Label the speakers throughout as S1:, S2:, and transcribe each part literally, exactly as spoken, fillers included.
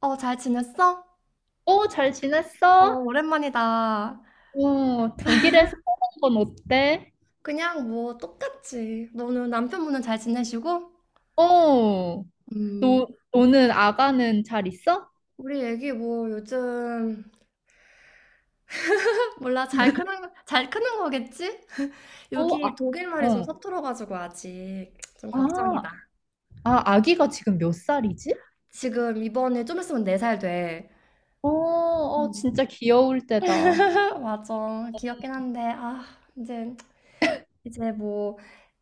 S1: 어, 잘 지냈어?
S2: 어, 잘
S1: 어,
S2: 지냈어?
S1: 오랜만이다.
S2: 어, 독일에서 사는 건 어때?
S1: 그냥 뭐 똑같지. 너는 남편분은 잘 지내시고?
S2: 어,
S1: 음,
S2: 너, 너는 아가는 잘 있어?
S1: 우리 애기 뭐 요즘 몰라 잘 크는 잘 크는 거겠지?
S2: 어, 아,
S1: 여기 독일 말이 좀
S2: 어.
S1: 서툴어가지고 아직 좀 걱정이다.
S2: 아, 아, 아기가 지금 몇 살이지?
S1: 지금 이번에 좀 있으면 네 살 돼.
S2: 어, 어,
S1: 음.
S2: 진짜 귀여울 때다.
S1: 맞아. 귀엽긴 한데 아 이제 이제 뭐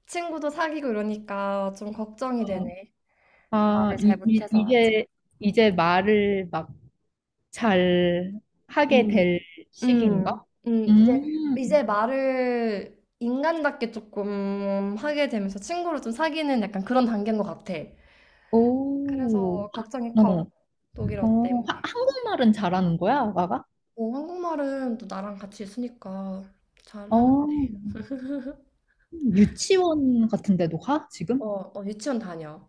S1: 친구도 사귀고 이러니까 좀 걱정이
S2: 어.
S1: 되네.
S2: 아,
S1: 말을 잘
S2: 이, 이,
S1: 못해서 아직.
S2: 이게 이제 말을 막 잘 하게 될
S1: 음,
S2: 시기인가?
S1: 음, 이제,
S2: 음,
S1: 이제 말을 인간답게 조금 하게 되면서 친구를 좀 사귀는 약간 그런 단계인 것 같아.
S2: 오,
S1: 그래서 걱정이
S2: 어,
S1: 커, 독일어
S2: 어, 하-
S1: 때문에.
S2: 한국말은 잘하는 거야, 아가가?
S1: 어, 한국말은 또 나랑 같이 있으니까 잘하는데.
S2: 어. 유치원 같은 데도 가?
S1: 어,
S2: 지금?
S1: 어, 유치원 다녀.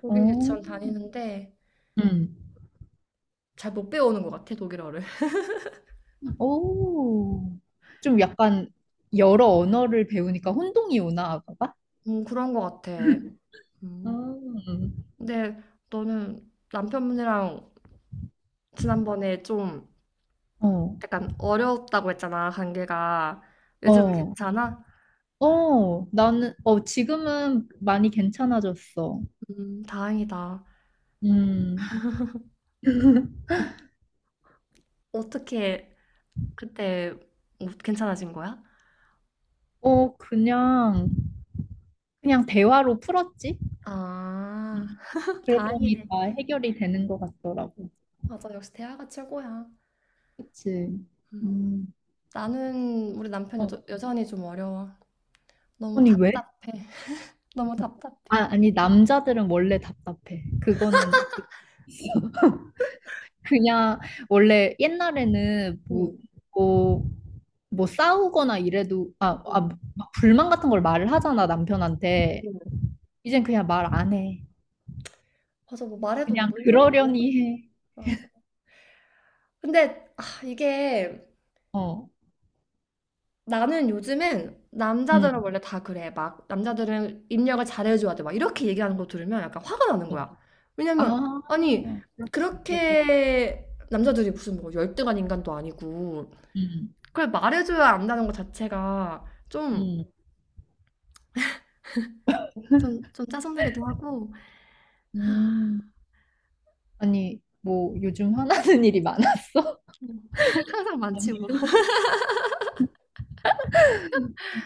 S1: 독일
S2: 어,
S1: 유치원 다니는데
S2: 음.
S1: 잘 못 배우는 것 같아, 독일어를.
S2: 오. 좀 약간 여러 언어를 배우니까 혼동이 오나, 봐? 빠
S1: 음, 그런 것 같아. 음.
S2: 음.
S1: 근데 너는 남편분이랑 지난번에 좀
S2: 어,
S1: 약간 어려웠다고 했잖아, 관계가. 요즘은
S2: 어,
S1: 괜찮아?
S2: 어, 나는, 어, 지금은 많이 괜찮아졌어.
S1: 음, 다행이다.
S2: 음,
S1: 어떻게 그때 뭐 괜찮아진 거야?
S2: 어, 그냥, 그냥 대화로 풀었지?
S1: 아,
S2: 음, 그랬더니
S1: 다행이네.
S2: 다 해결이 되는 것 같더라고.
S1: 맞아, 역시 대화가 최고야.
S2: 그치?
S1: 음.
S2: 음,
S1: 나는 우리 남편 여,
S2: 어.
S1: 여전히 좀 어려워. 너무
S2: 아니, 왜?
S1: 답답해. 너무
S2: 아,
S1: 답답해.
S2: 아니, 남자들은 원래 답답해. 그거는 그냥 원래 옛날에는
S1: 응,
S2: 뭐, 뭐, 뭐 싸우거나 이래도 아, 아,
S1: 응,
S2: 막 불만 같은 걸 말을 하잖아, 남편한테.
S1: 응.
S2: 이젠 그냥 말 안 해.
S1: 맞아, 뭐 말해도
S2: 그냥
S1: 뭔 소용이야.
S2: 그러려니 해.
S1: 맞아. 근데 아, 이게
S2: 어,
S1: 나는 요즘엔
S2: 응.
S1: 남자들은 원래 다 그래. 막 남자들은 입력을 잘해줘야 돼. 막 이렇게 얘기하는 거 들으면 약간 화가 나는
S2: 어.
S1: 거야. 왜냐면
S2: 아,
S1: 아니
S2: 그럴 수 있겠다.
S1: 그렇게 남자들이 무슨 뭐 열등한 인간도 아니고
S2: 응,
S1: 그걸 말해줘야 안다는 것 자체가 좀
S2: 응,
S1: 좀, 좀 짜증나기도 하고
S2: 음. 아니, 뭐 요즘 화나는 일이 많았어?
S1: 음. 항상 많지 뭐.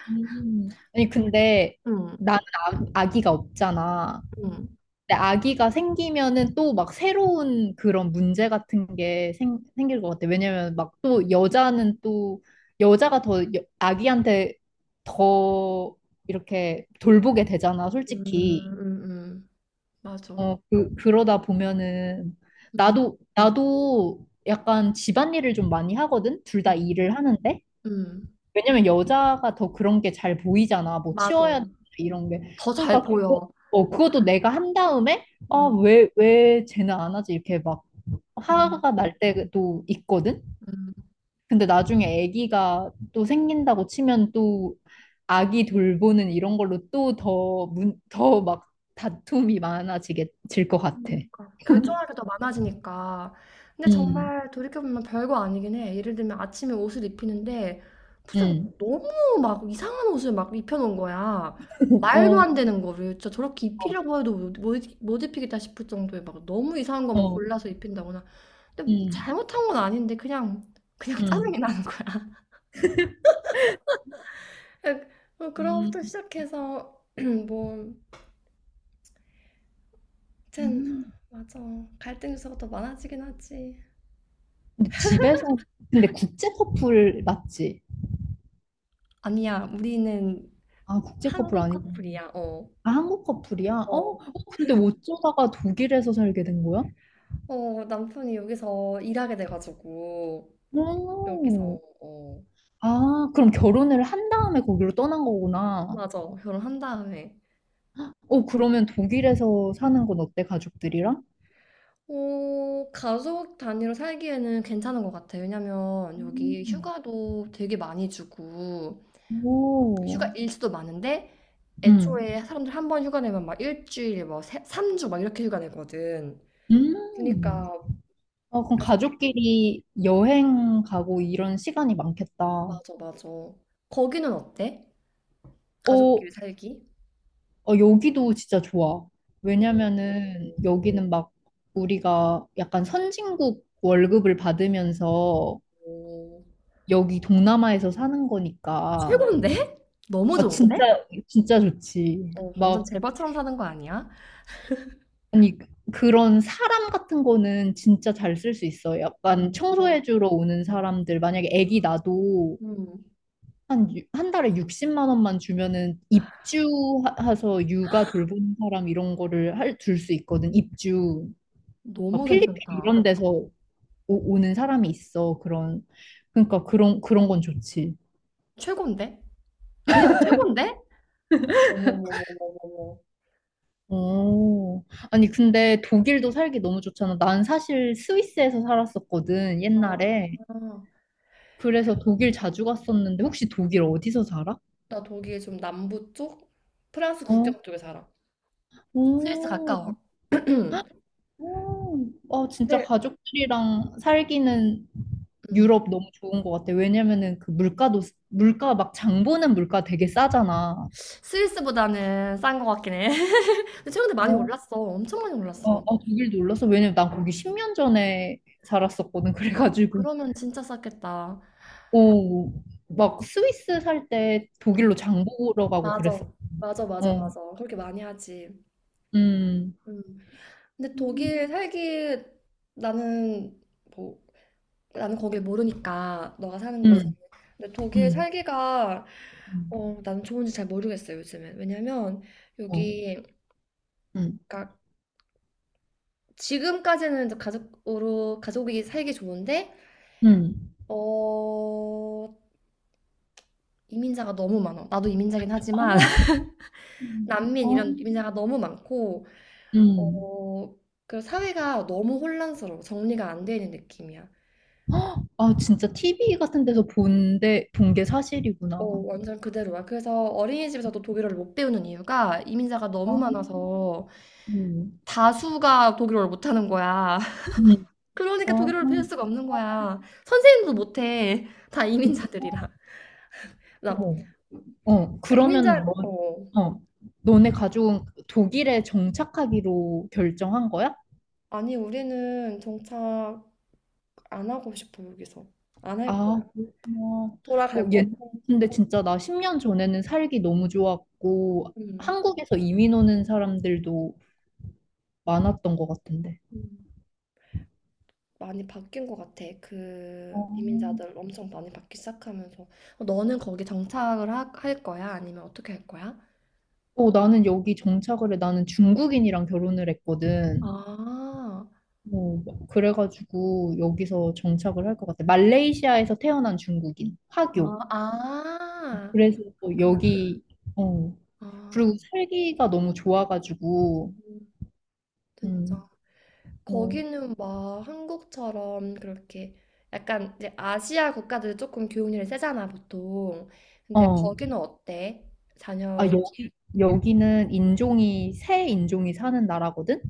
S2: 음. 아니, 근데
S1: 응
S2: 나는 아, 아기가 없잖아.
S1: 응
S2: 근데 아기가 생기면은 또 막 새로운 그런 문제 같은 게 생, 생길 것 같아. 왜냐면 막 또 여자는 또 여자가 더 여- 아기한테 더 이렇게 돌보게 되잖아,
S1: 음,
S2: 솔직히.
S1: 음, 음. 맞아.
S2: 어, 그, 그러다 보면은
S1: 음,
S2: 나도, 나도 약간 집안일을 좀 많이 하거든? 둘
S1: 음,
S2: 다 일을 하는데.
S1: 음.
S2: 왜냐면 여자가 더 그런 게 잘 보이잖아. 뭐
S1: 맞아.
S2: 치워야 돼, 이런 게.
S1: 더 잘
S2: 그러니까 그거,
S1: 보여.
S2: 어, 그것도 내가 한 다음에 아,
S1: 음,
S2: 왜, 왜 쟤는 안 하지? 이렇게 막
S1: 음,
S2: 화가 날 때도 있거든.
S1: 음.
S2: 근데 나중에 아기가 또 생긴다고 치면 또 아기 돌보는 이런 걸로 또 더 문, 더 막 다툼이 많아지게 질 것 같아.
S1: 그러니까. 결정할 게 더 많아지니까. 근데
S2: 음,
S1: 정말 돌이켜보면 별거 아니긴 해. 예를 들면 아침에 옷을 입히는데 부자가
S2: 음,
S1: 너무 막 이상한 옷을 막 입혀놓은 거야. 말도
S2: 어,
S1: 안 되는 거를 진짜 저렇게
S2: 어,
S1: 입히려고 해도 못, 못 못 입히겠다 싶을 정도의 막 너무 이상한 것만
S2: 어,
S1: 골라서 입힌다거나. 근데
S2: 음,
S1: 잘못한 건 아닌데 그냥 그냥 짜증이
S2: 음,
S1: 나는 거야. 뭐 그런
S2: 음.
S1: 것부터 시작해서 뭐, 튼
S2: 음.
S1: 맞아. 갈등 요소가 더 많아지긴 하지.
S2: 근데 집에서 근데 국제 커플 맞지?
S1: 아니야, 우리는
S2: 아 국제 커플
S1: 한국
S2: 아니고
S1: 커플이야. 어.
S2: 아 한국 커플이야? 어? 어,
S1: 어,
S2: 근데 어쩌다가 독일에서 살게 된 거야?
S1: 어, 남편이 여기서 일하게 돼가지고, 여기서,
S2: 오,
S1: 어,
S2: 아 그럼 결혼을 한 다음에 거기로 떠난 거구나.
S1: 맞아. 결혼한 다음에.
S2: 어 그러면 독일에서 사는 건 어때 가족들이랑?
S1: 어, 가족 단위로 살기에는 괜찮은 것 같아. 왜냐면 여기
S2: 음,
S1: 휴가도 되게 많이 주고, 휴가
S2: 오,
S1: 일수도 많은데,
S2: 음,
S1: 애초에 사람들 한 번 휴가 내면 막 일주일, 뭐, 세, 삼 주 막 이렇게 휴가 내거든. 그러니까
S2: 음. 아 그럼
S1: 가족끼리,
S2: 가족끼리 여행 가고 이런 시간이 많겠다.
S1: 맞아, 맞아. 거기는 어때?
S2: 어,
S1: 가족끼리 살기?
S2: 어, 여기도 진짜 좋아. 왜냐면은 여기는 막 우리가 약간 선진국 월급을 받으면서
S1: 오,
S2: 여기 동남아에서 사는 거니까
S1: 최고인데? 너무
S2: 아 진짜
S1: 좋은데?
S2: 진짜 좋지.
S1: 어, 어, 완전
S2: 막
S1: 제발처럼 사는 거 아니야?
S2: 아니 그런 사람 같은 거는 진짜 잘 쓸 수 있어.
S1: 어,
S2: 약간 청소해주러 오는 사람들 만약에 애기 나도
S1: 음,
S2: 한, 유- 한 달에 육십만 원만 주면은 입주해서 육아 돌보는 사람 이런 거를 할, 둘 수 있거든. 입주. 막
S1: 너무
S2: 필리핀
S1: 괜찮다.
S2: 이런 데서 오, 오는 사람이 있어. 그런 그러니까 그런 그런 건 좋지.
S1: 최고인데? 그냥 최고인데? 어머머머머머머.
S2: 오, 아니 근데 독일도 살기 너무 좋잖아. 난 사실 스위스에서 살았었거든 옛날에.
S1: 아,
S2: 그래서 독일 자주 갔었는데 혹시 독일 어디서 살아?
S1: 나 독일 좀 남부 쪽? 프랑스
S2: 어,
S1: 국경 쪽에 살아. 스위스
S2: 오,
S1: 가까워.
S2: 헉, 오, 아 진짜
S1: 근데
S2: 가족들이랑 살기는
S1: 음,
S2: 유럽 너무 좋은 것 같아. 왜냐면은 그 물가도 물가 막 장 보는 물가 되게 싸잖아.
S1: 스위스보다는 싼 거 같긴 해. 근데 최근에 많이
S2: 어.
S1: 올랐어. 엄청 많이
S2: 아, 아,
S1: 올랐어.
S2: 독일 놀랐어. 왜냐면 난 거기 십 년 전에 살았었거든.
S1: 아,
S2: 그래가지고,
S1: 그러면 진짜 쌌겠다.
S2: 어, 막 스위스 살 때
S1: 음,
S2: 독일로 장 보러 가고
S1: 맞아.
S2: 그랬어.
S1: 맞아, 맞아,
S2: 어,
S1: 맞아. 그렇게 많이 하지.
S2: 음,
S1: 근데
S2: 음,
S1: 독일 살기 나는 뭐 나는 거길 모르니까 너가 사는 곳은
S2: 음,
S1: 근데 독일
S2: 음,
S1: 살기가 어 나는 좋은지 잘 모르겠어요 요즘엔 왜냐면
S2: 어,
S1: 여기
S2: 음,
S1: 그러니까 지금까지는 이제 가족으로 가족이 살기 좋은데
S2: 음.
S1: 어 이민자가 너무 많아 나도 이민자긴 하지만
S2: 아, 음,
S1: 난민
S2: 어,
S1: 이런 이민자가 너무 많고
S2: 음.
S1: 어 그리고 사회가 너무 혼란스러워 정리가 안 되는 느낌이야
S2: 아, 진짜 티브이 같은 데서 본데, 본 게
S1: 어,
S2: 사실이구나.
S1: 완전 그대로야. 그래서 어린이집에서도 독일어를 못 배우는 이유가 이민자가
S2: 아,
S1: 너무 많아서
S2: 음,
S1: 다수가 독일어를 못하는 거야.
S2: 음,
S1: 그러니까
S2: 아,
S1: 독일어를 배울 수가 없는 거야. 선생님도 못해. 다
S2: 음,
S1: 이민자들이라. 나,
S2: 어머. 어,
S1: 그러니까
S2: 그러면은
S1: 이민자, 어.
S2: 너, 어, 너네 가족은 독일에 정착하기로 결정한 거야?
S1: 아니, 우리는 정착 안 하고 싶어, 여기서. 안 할 거야.
S2: 아, 그렇구나. 어,
S1: 돌아갈
S2: 얘,
S1: 거고.
S2: 근데 진짜 나 십 년 전에는 살기 너무 좋았고,
S1: 음,
S2: 한국에서 이민 오는 사람들도 많았던 것 같은데.
S1: 음. 많이 바뀐 것 같아. 그
S2: 어,
S1: 이민자들 엄청 많이 바뀌기 시작하면서. 너는 거기 정착을 하- 할 거야? 아니면 어떻게 할 거야?
S2: 어, 나는 여기 정착을 해. 나는 중국인이랑 결혼을 했거든.
S1: 아.
S2: 어, 그래가지고 여기서 정착을 할 것 같아. 말레이시아에서 태어난 중국인, 화교.
S1: 아 아.
S2: 그래서 또
S1: 그렇구나.
S2: 여기, 어,
S1: 아.
S2: 그리고 살기가 너무 좋아가지고, 음,
S1: 진짜.
S2: 어,
S1: 거기는 막 한국처럼 그렇게 약간 이제 아시아 국가들은 조금 교육률이 세잖아, 보통. 근데
S2: 어.
S1: 거기는 어때?
S2: 아,
S1: 자녀 기
S2: 여기, 여기는 인종이, 새 인종이 사는 나라거든?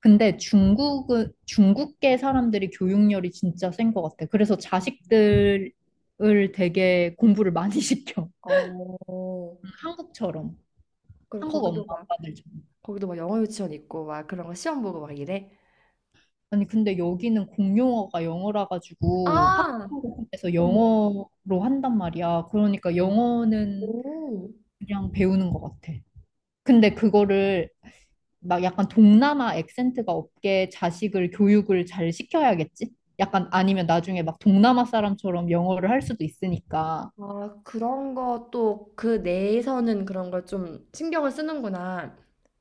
S2: 근데 중국은, 중국계 사람들이 교육열이 진짜 센 것 같아. 그래서
S1: 음.
S2: 자식들을 되게 공부를 많이 시켜.
S1: 어.
S2: 한국처럼.
S1: 그럼
S2: 한국 엄마
S1: 거기도 막
S2: 아빠들처럼.
S1: 거기도 막 영어 유치원 있고 막 그런 거 시험 보고 막 이래?
S2: 아니, 근데 여기는 공용어가 영어라 가지고
S1: 아.
S2: 학교에서
S1: 어머.
S2: 영어로 한단 말이야. 그러니까 영어는
S1: 오.
S2: 그냥 배우는 것 같아. 근데 그거를 막 약간 동남아 액센트가 없게 자식을 교육을 잘 시켜야겠지? 약간 아니면 나중에 막 동남아 사람처럼 영어를 할 수도 있으니까.
S1: 아, 그런 것도 그 내에서는 그런 걸 좀 신경을 쓰는구나.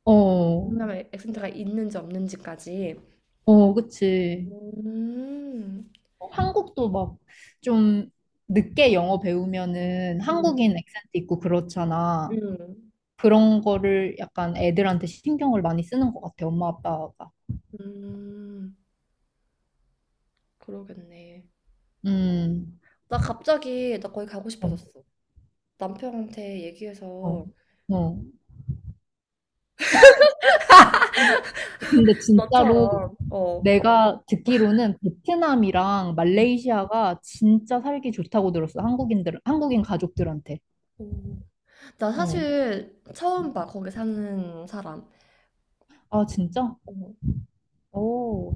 S2: 어,
S1: 동남아 액센트가 있는지 없는지까지.
S2: 어, 그치.
S1: 음,
S2: 어, 한국도 막 좀 늦게 영어 배우면은
S1: 음,
S2: 한국인 액센트 있고 그렇잖아.
S1: 음.
S2: 그런 거를 약간 애들한테 신경을 많이 쓰는 것 같아, 엄마 아빠가.
S1: 음, 그러겠네.
S2: 음,
S1: 나 갑자기 나 거기 가고
S2: 어,
S1: 싶어졌어. 남편한테
S2: 어,
S1: 얘기해서
S2: 어. 근데 진짜로
S1: 너처럼. 어,
S2: 내가 듣기로는 베트남이랑
S1: 음,
S2: 말레이시아가 진짜 살기 좋다고 들었어. 한국인들, 한국인 가족들한테.
S1: 오. 나
S2: 어.
S1: 사실 처음 봐 거기 사는 사람
S2: 아, 진짜?
S1: 어.
S2: 오.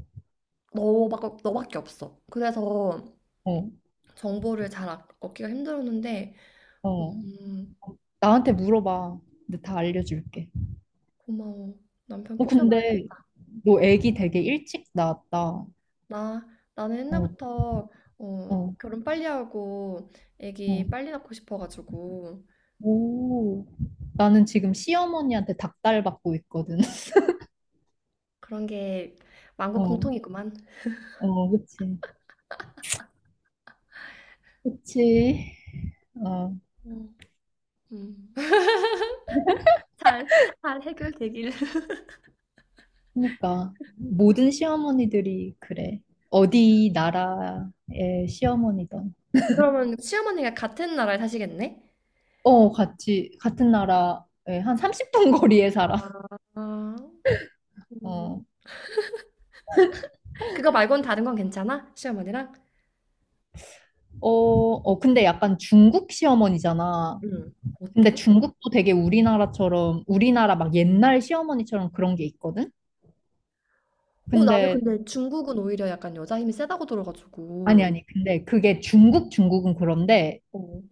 S1: 너밖에 너밖에 없어. 그래서
S2: 어,
S1: 정보를 잘 얻- 얻기가 힘들었는데
S2: 어.
S1: 음,
S2: 나한테 물어봐. 근데 다 알려줄게.
S1: 고마워. 남편
S2: 어, 근데
S1: 꼬셔봐야겠다.
S2: 너 애기 되게 일찍 낳았다.
S1: 나, 나는
S2: 어,
S1: 옛날부터 어,
S2: 어,
S1: 결혼 빨리 하고
S2: 어.
S1: 애기 빨리 낳고 싶어가지고
S2: 오. 나는 지금 시어머니한테 닭달 받고 있거든.
S1: 그런 게 만국
S2: 어,
S1: 공통이구만.
S2: 어, 그치. 그치. 어.
S1: 음. 음. 잘, 잘 해결되길.
S2: 그러니까 모든 시어머니들이 그래. 어디 나라의 시어머니든.
S1: 그러면 시어머니가 같은 나라에 사시겠네?
S2: 어, 같이 같은 나라에 한 삼십 분 거리에 살아.
S1: 아,
S2: 어.
S1: 음. 그거 말고는 다른 건 괜찮아? 시어머니랑?
S2: 어, 어, 근데 약간 중국 시어머니잖아.
S1: 응.
S2: 근데
S1: 어때?
S2: 중국도 되게 우리나라처럼 우리나라 막 옛날 시어머니처럼 그런 게 있거든.
S1: 어, 나는
S2: 근데
S1: 근데 중국은 오히려 약간 여자 힘이 세다고
S2: 아니
S1: 들어가지고.
S2: 아니. 근데 그게 중국 중국은 그런데
S1: 어.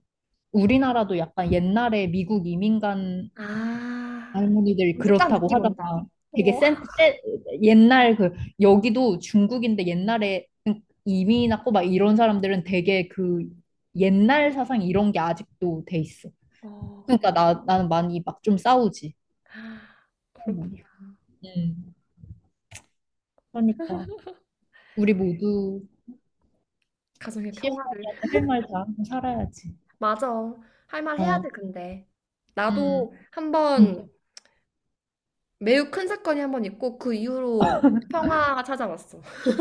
S2: 우리나라도 약간 옛날에 미국 이민간
S1: 아,
S2: 할머니들이
S1: 이제 딱
S2: 그렇다고
S1: 느낌 온다.
S2: 하다가 되게
S1: 어.
S2: 센, 센 옛날 그 여기도 중국인데 옛날에 이민 왔고 막 이런 사람들은 되게 그 옛날 사상 이런 게 아직도 돼 있어.
S1: 어,
S2: 그러니까 나 나는 많이 막 좀 싸우지.
S1: 그렇구나.
S2: 할머니. 음. 그러니까 우리 모두
S1: 가정의 평화를.
S2: 시어머니한테 할 말 다 하고 살아야지.
S1: 맞아. 할 말 해야
S2: 어.
S1: 돼 근데.
S2: 음.
S1: 나도 한 번
S2: 음.
S1: 매우 큰 사건이 한 번 있고, 그 이후로 평화가 찾아왔어.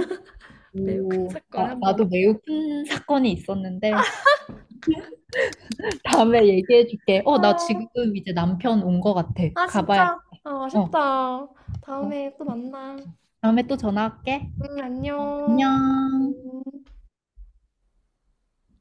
S1: 매우 큰
S2: 오,
S1: 사건이
S2: 나,
S1: 한
S2: 나도
S1: 번.
S2: 매우 큰 사건이 있었는데 다음에 얘기해 줄게. 어, 나 지금
S1: 어,
S2: 이제 남편 온 거 같아.
S1: 아,
S2: 가봐야
S1: 진짜? 아,
S2: 어,
S1: 아쉽다.
S2: 어.
S1: 다음에 또 만나.
S2: 다음에 또 전화할게.
S1: 응, 안녕.
S2: 어, 안녕.
S1: 음.